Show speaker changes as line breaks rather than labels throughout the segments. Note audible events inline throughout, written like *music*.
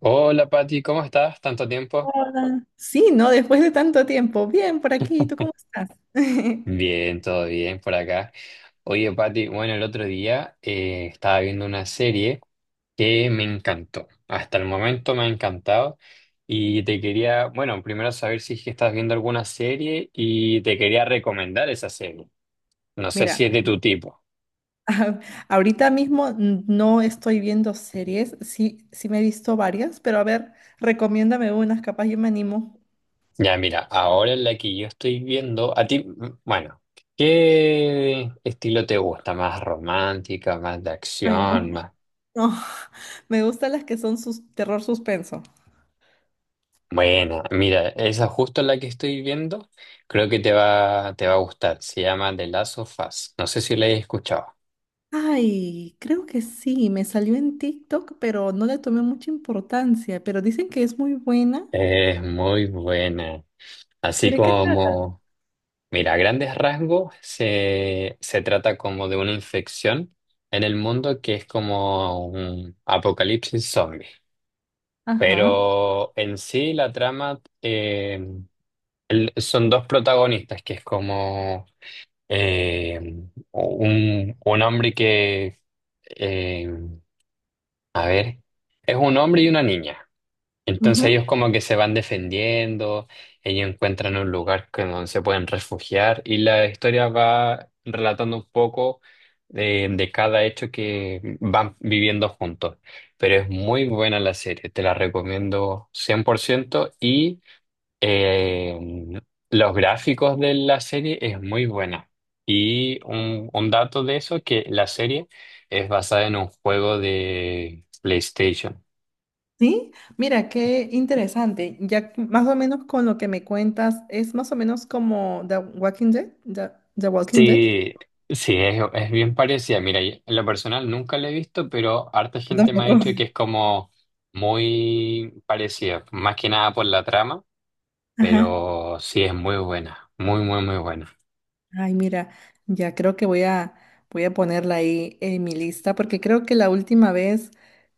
Hola Pati, ¿cómo estás? ¿Tanto tiempo?
Hola. Sí, ¿no? Después de tanto tiempo. Bien, por aquí. ¿Tú cómo estás? *laughs*
Bien, todo bien por acá. Oye Pati, bueno, el otro día estaba viendo una serie que me encantó. Hasta el momento me ha encantado y te quería, bueno, primero saber si es que estás viendo alguna serie y te quería recomendar esa serie. No sé si
Mira,
es de tu tipo.
*laughs* ahorita mismo no estoy viendo series. Sí, sí me he visto varias, pero a ver, recomiéndame unas, capaz yo me animo.
Ya, mira, ahora en la que yo estoy viendo, a ti, bueno, ¿qué estilo te gusta? ¿Más romántica, más de
Ay, no.
acción, más...
No, *laughs* me gustan las que son sus terror suspenso.
Bueno, mira, esa justo la que estoy viendo, creo que te va a gustar. Se llama The Last of Us. No sé si la hayas escuchado.
Ay, creo que sí, me salió en TikTok, pero no le tomé mucha importancia, pero dicen que es muy buena.
Es muy buena. Así
¿Por qué trata?
como, mira, a grandes rasgos se trata como de una infección en el mundo que es como un apocalipsis zombie.
Ajá.
Pero en sí la trama son dos protagonistas, que es como eh, un hombre que eh, a ver, es un hombre y una niña. Entonces ellos como que se van defendiendo, ellos encuentran un lugar donde se pueden refugiar y la historia va relatando un poco de cada hecho que van viviendo juntos. Pero es muy buena la serie, te la recomiendo 100% y eh, los gráficos de la serie es muy buena. Y un dato de eso, que la serie es basada en un juego de PlayStation.
Sí, mira, qué interesante. Ya que más o menos con lo que me cuentas, es más o menos como The Walking Dead. The Walking Dead.
Sí, sí, es bien parecida. Mira, yo en lo personal nunca la he visto, pero harta
Yo
gente me ha
tampoco.
dicho que
*laughs*
es como muy parecida, más que nada por la trama,
Ajá.
pero sí es muy buena, muy, muy, muy buena.
Ay, mira, ya creo que voy a ponerla ahí en mi lista porque creo que la última vez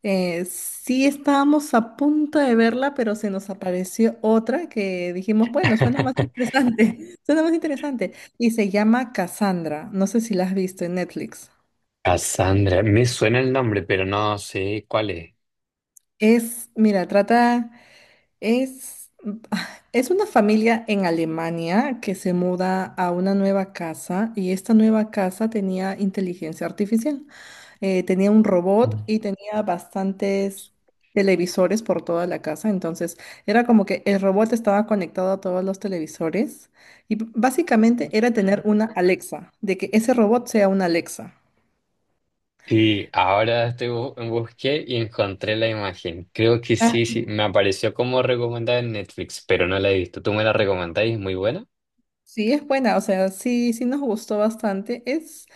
sí estábamos a punto de verla, pero se nos apareció otra que dijimos, bueno, suena más
*laughs*
interesante, *laughs* suena más interesante. Y se llama Cassandra. No sé si la has visto en Netflix.
Cassandra, me suena el nombre, pero no sé cuál es.
Es, mira, trata... Es, es una familia en Alemania que se muda a una nueva casa y esta nueva casa tenía inteligencia artificial. Tenía un robot y tenía bastantes televisores por toda la casa. Entonces era como que el robot estaba conectado a todos los televisores y básicamente era tener una Alexa, de que ese robot sea una Alexa.
Sí, ahora estoy busqué y encontré la imagen. Creo que sí, sí, me apareció como recomendada en Netflix, pero no la he visto. ¿Tú me la recomendás y es muy buena?
Sí, es buena, o sea, sí, sí nos gustó bastante. Es,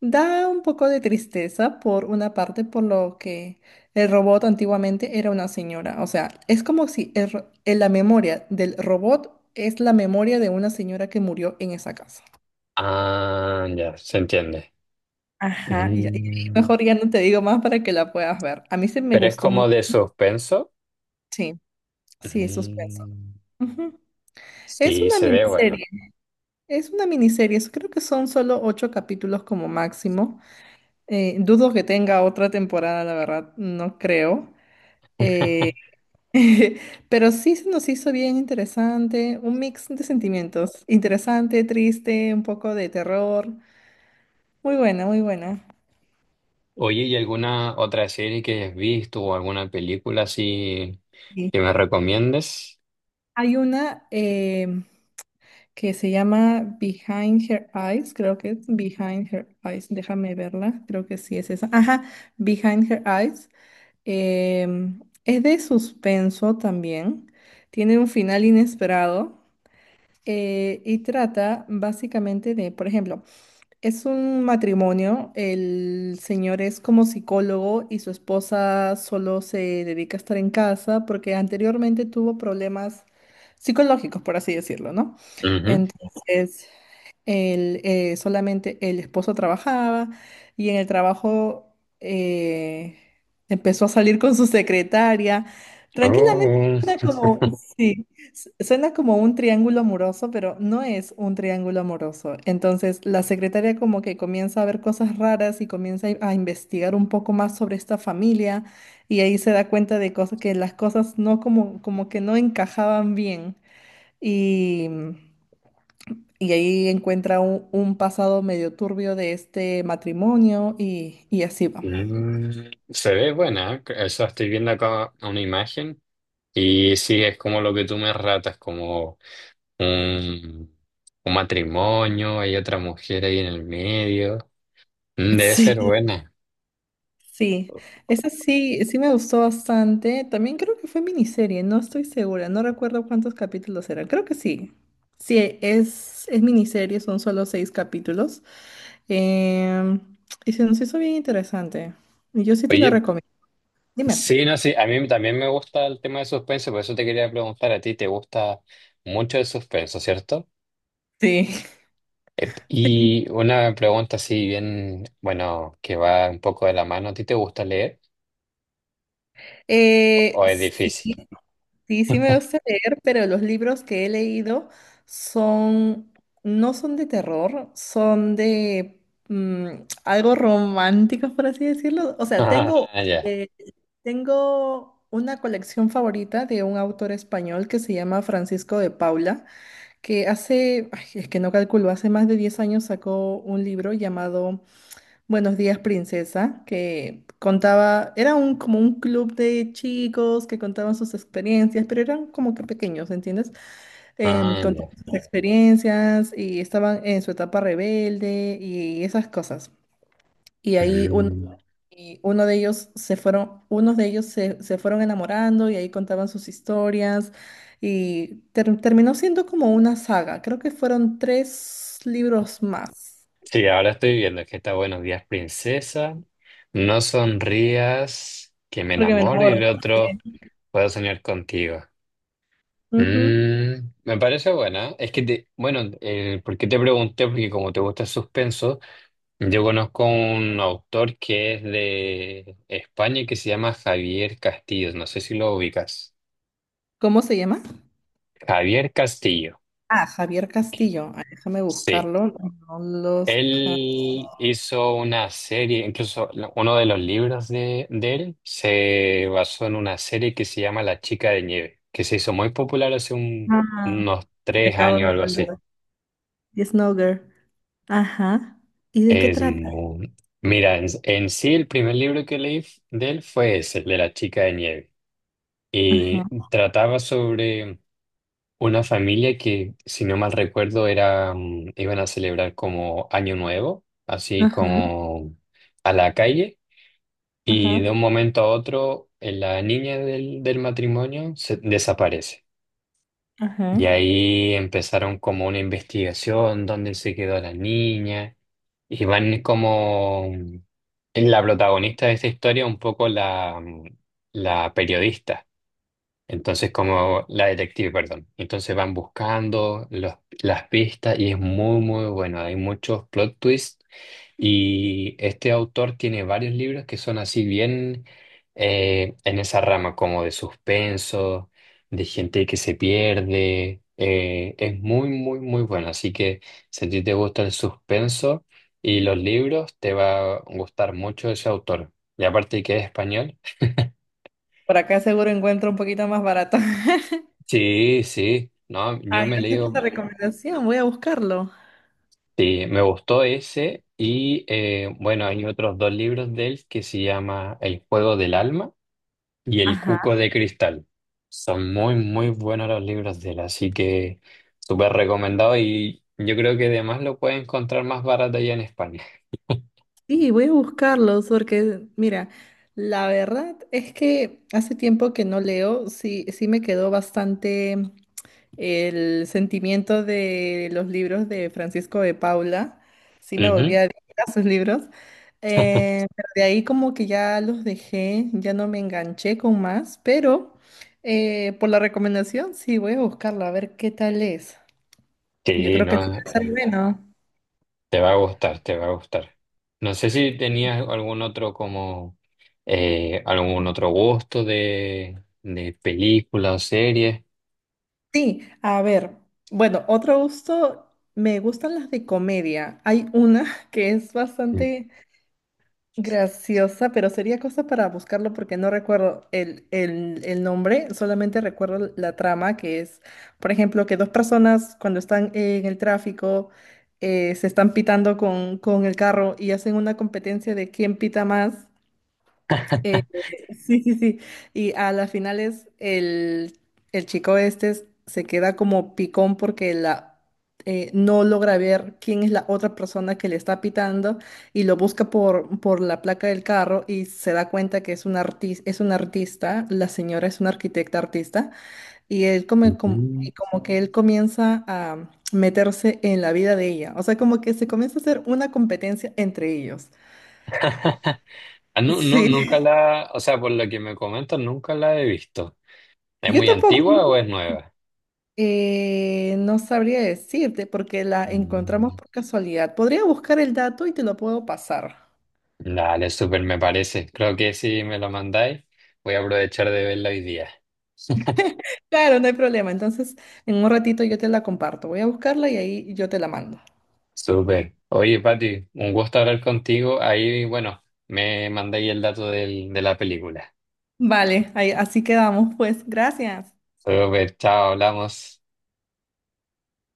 da un poco de tristeza por una parte, por lo que el robot antiguamente era una señora. O sea, es como si el en la memoria del robot es la memoria de una señora que murió en esa casa.
Ah, ya, se entiende.
Ajá, Y ahí
Mm,
mejor ya no te digo más para que la puedas ver. A mí se me
pero es
gustó
como
mucho.
de suspenso.
Sí, sí, suspenso.
Mm,
Ujú. Es
sí,
una
se ve bueno.
miniserie, es una miniserie. Creo que son solo ocho capítulos como máximo. Dudo que tenga otra temporada, la verdad, no creo. Eh,
*laughs*
*laughs* pero sí se nos hizo bien interesante, un mix de sentimientos, interesante, triste, un poco de terror. Muy buena, muy buena.
Oye, ¿y alguna otra serie que hayas visto o alguna película así
Sí.
que me recomiendes?
Hay una que se llama Behind Her Eyes, creo que es Behind Her Eyes, déjame verla, creo que sí es esa. Ajá, Behind Her Eyes. Es de suspenso también, tiene un final inesperado. Y trata básicamente de, por ejemplo, es un matrimonio, el señor es como psicólogo y su esposa solo se dedica a estar en casa porque anteriormente tuvo problemas psicológicos, por así decirlo, ¿no?
Ujú.
Entonces solamente el esposo trabajaba y en el trabajo eh, empezó a salir con su secretaria. Tranquilamente
Oh.
suena como, *laughs* sí, suena como un triángulo amoroso, pero no es un triángulo amoroso. Entonces la secretaria como que comienza a ver cosas raras y comienza a investigar un poco más sobre esta familia y ahí se da cuenta de cosas que las cosas no como que no encajaban bien. Y y ahí encuentra un pasado medio turbio de este matrimonio y así va.
Mm, se ve buena, ¿eh? O sea, estoy viendo acá una imagen y sí, es como lo que tú me ratas, como un, un matrimonio, hay otra mujer ahí en el medio. Mm, debe ser
*laughs*
buena.
Sí, sí. Esa sí, sí me gustó bastante. También creo que fue miniserie, no estoy segura, no recuerdo cuántos capítulos eran. Creo que sí. Sí, es miniserie, son solo seis capítulos. Em, y se nos hizo bien interesante. Yo sí te la
Oye,
recomiendo. Dime.
sí, no, sí, a mí también me gusta el tema de suspenso, por eso te quería preguntar a ti, ¿te gusta mucho el suspenso, cierto?
Sí.
Ep, y
*laughs*
una pregunta así bien, bueno, que va un poco de la mano, ¿a ti te gusta leer o es
Sí.
difícil? *laughs*
Sí, sí me gusta leer, pero los libros que he leído son, no son de terror, son de algo románticos, por así decirlo. O sea,
Ah, ya.
eh, tengo una colección favorita de un autor español que se llama Francisco de Paula, que hace, ay, es que no calculo, hace más de 10 años sacó un libro llamado Buenos días, princesa, que contaba, era un como un club de chicos que contaban sus experiencias, pero eran como que pequeños, ¿entiendes?
Ah,
Contaban
ya.
sus experiencias y estaban en su etapa rebelde y esas cosas. Y ahí un-
Mm.
y uno de ellos se fueron, unos de ellos se fueron enamorando y ahí contaban sus historias y terminó siendo como una saga. Creo que fueron tres libros más,
Sí, ahora estoy viendo que está Buenos días, princesa. No sonrías, que me
porque me
enamoro y
enamoro.
el otro
Sí.
puedo soñar contigo.
Ujú.
Mm, me parece buena. Es que, bueno, ¿por qué te pregunté? Porque como te gusta el suspenso, yo conozco un autor que es de España y que se llama Javier Castillo. No sé si lo ubicas.
¿Cómo se llama?
Javier Castillo.
Ah, Javier Castillo. Ah, déjame
Sí.
buscarlo. No los... ja-
Él hizo una serie, incluso uno de los libros de él se basó en una serie que se llama La Chica de Nieve, que se hizo muy popular hace
Ah,
unos
te
tres
acabo
años
de
o algo así.
entender. Yes, no girl. Ajá. ¿Y de qué
Es
trata?
muy... Mira, en sí el primer libro que leí de él fue ese, el de La Chica de Nieve, y
Ajá,
trataba sobre una familia que, si no mal recuerdo, era, mm, iban a celebrar como Año Nuevo, así
ajá,
como a la calle. Y de
ajá,
un momento a otro, la niña del matrimonio desaparece. Y
ajá.
ahí empezaron como una investigación, dónde se quedó la niña. Y van como la protagonista de esta historia, un poco la, mm, la periodista. Entonces, como la detective, perdón. Entonces van buscando las pistas y es muy, muy bueno. Hay muchos plot twists y este autor tiene varios libros que son así bien en esa rama, como de suspenso, de gente que se pierde. Es muy, muy, muy bueno. Así que si a ti te gusta el suspenso y los libros, te va a gustar mucho ese autor. Y aparte que es español.
Por acá seguro encuentro un poquito más barato. *laughs*
Sí, sí. No, yo
Ay,
me he
gracias por la
leído,
recomendación. Voy a buscarlo.
sí, me gustó ese. Y bueno, hay otros dos libros de él que se llama El juego del alma y El
Ajá.
Cuco de Cristal. Son muy, muy buenos los libros de él, así que súper recomendado y yo creo que además lo puedes encontrar más barato allá en España.
Sí, voy a buscarlos porque, mira, la verdad es que hace tiempo que no leo, sí, sí me quedó bastante. El sentimiento de los libros de Francisco de Paula, sí me volví
Ujú.
adicta a sus libros, pero de ahí como que ya los dejé, ya no me enganché con más, pero por la recomendación sí voy a buscarla a ver qué tal es. Yo
Sí,
creo
no,
que sí va a ser bueno.
te va a gustar, te va a gustar. No sé si tenías algún otro como algún otro gusto de película o serie.
Sí, a ver, bueno, otro gusto, me gustan las de comedia. Hay una *laughs* que es bastante graciosa, pero sería cosa para buscarlo porque no recuerdo el nombre, solamente recuerdo la trama que es, por ejemplo, que dos personas cuando están en el tráfico se están pitando con el carro y hacen una competencia de quién pita más eh, *laughs* sí, sí, sí. Y a las finales el chico se queda como picón porque no logra ver quién es la otra persona que le está pitando y lo busca por la placa del carro y se da cuenta que es un artista, la señora es una arquitecta artista y él y
Ujú.
como que él comienza a meterse en la vida de ella. O sea, como que se comienza a hacer una competencia entre ellos.
*laughs* Ah, no, no, nunca
Sí.
la, o sea, por lo que me comentas, nunca la he visto. ¿Es
Yo
muy
tampoco.
antigua o es nueva?
No sabría decirte porque la encontramos
Mm.
por casualidad. Podría buscar el dato y te lo puedo pasar.
Dale, súper me parece. Creo que si me lo mandáis, voy a aprovechar de verlo hoy día. *laughs*
Claro, no hay problema. Entonces, en un ratito yo te la comparto. Voy a buscarla y ahí yo te la mando.
Súper. Oye, Pati, un gusto hablar contigo. Ahí, bueno, me mandáis el dato de la película.
Vale, ahí, así quedamos, pues. Gracias.
Súper, chao, hablamos.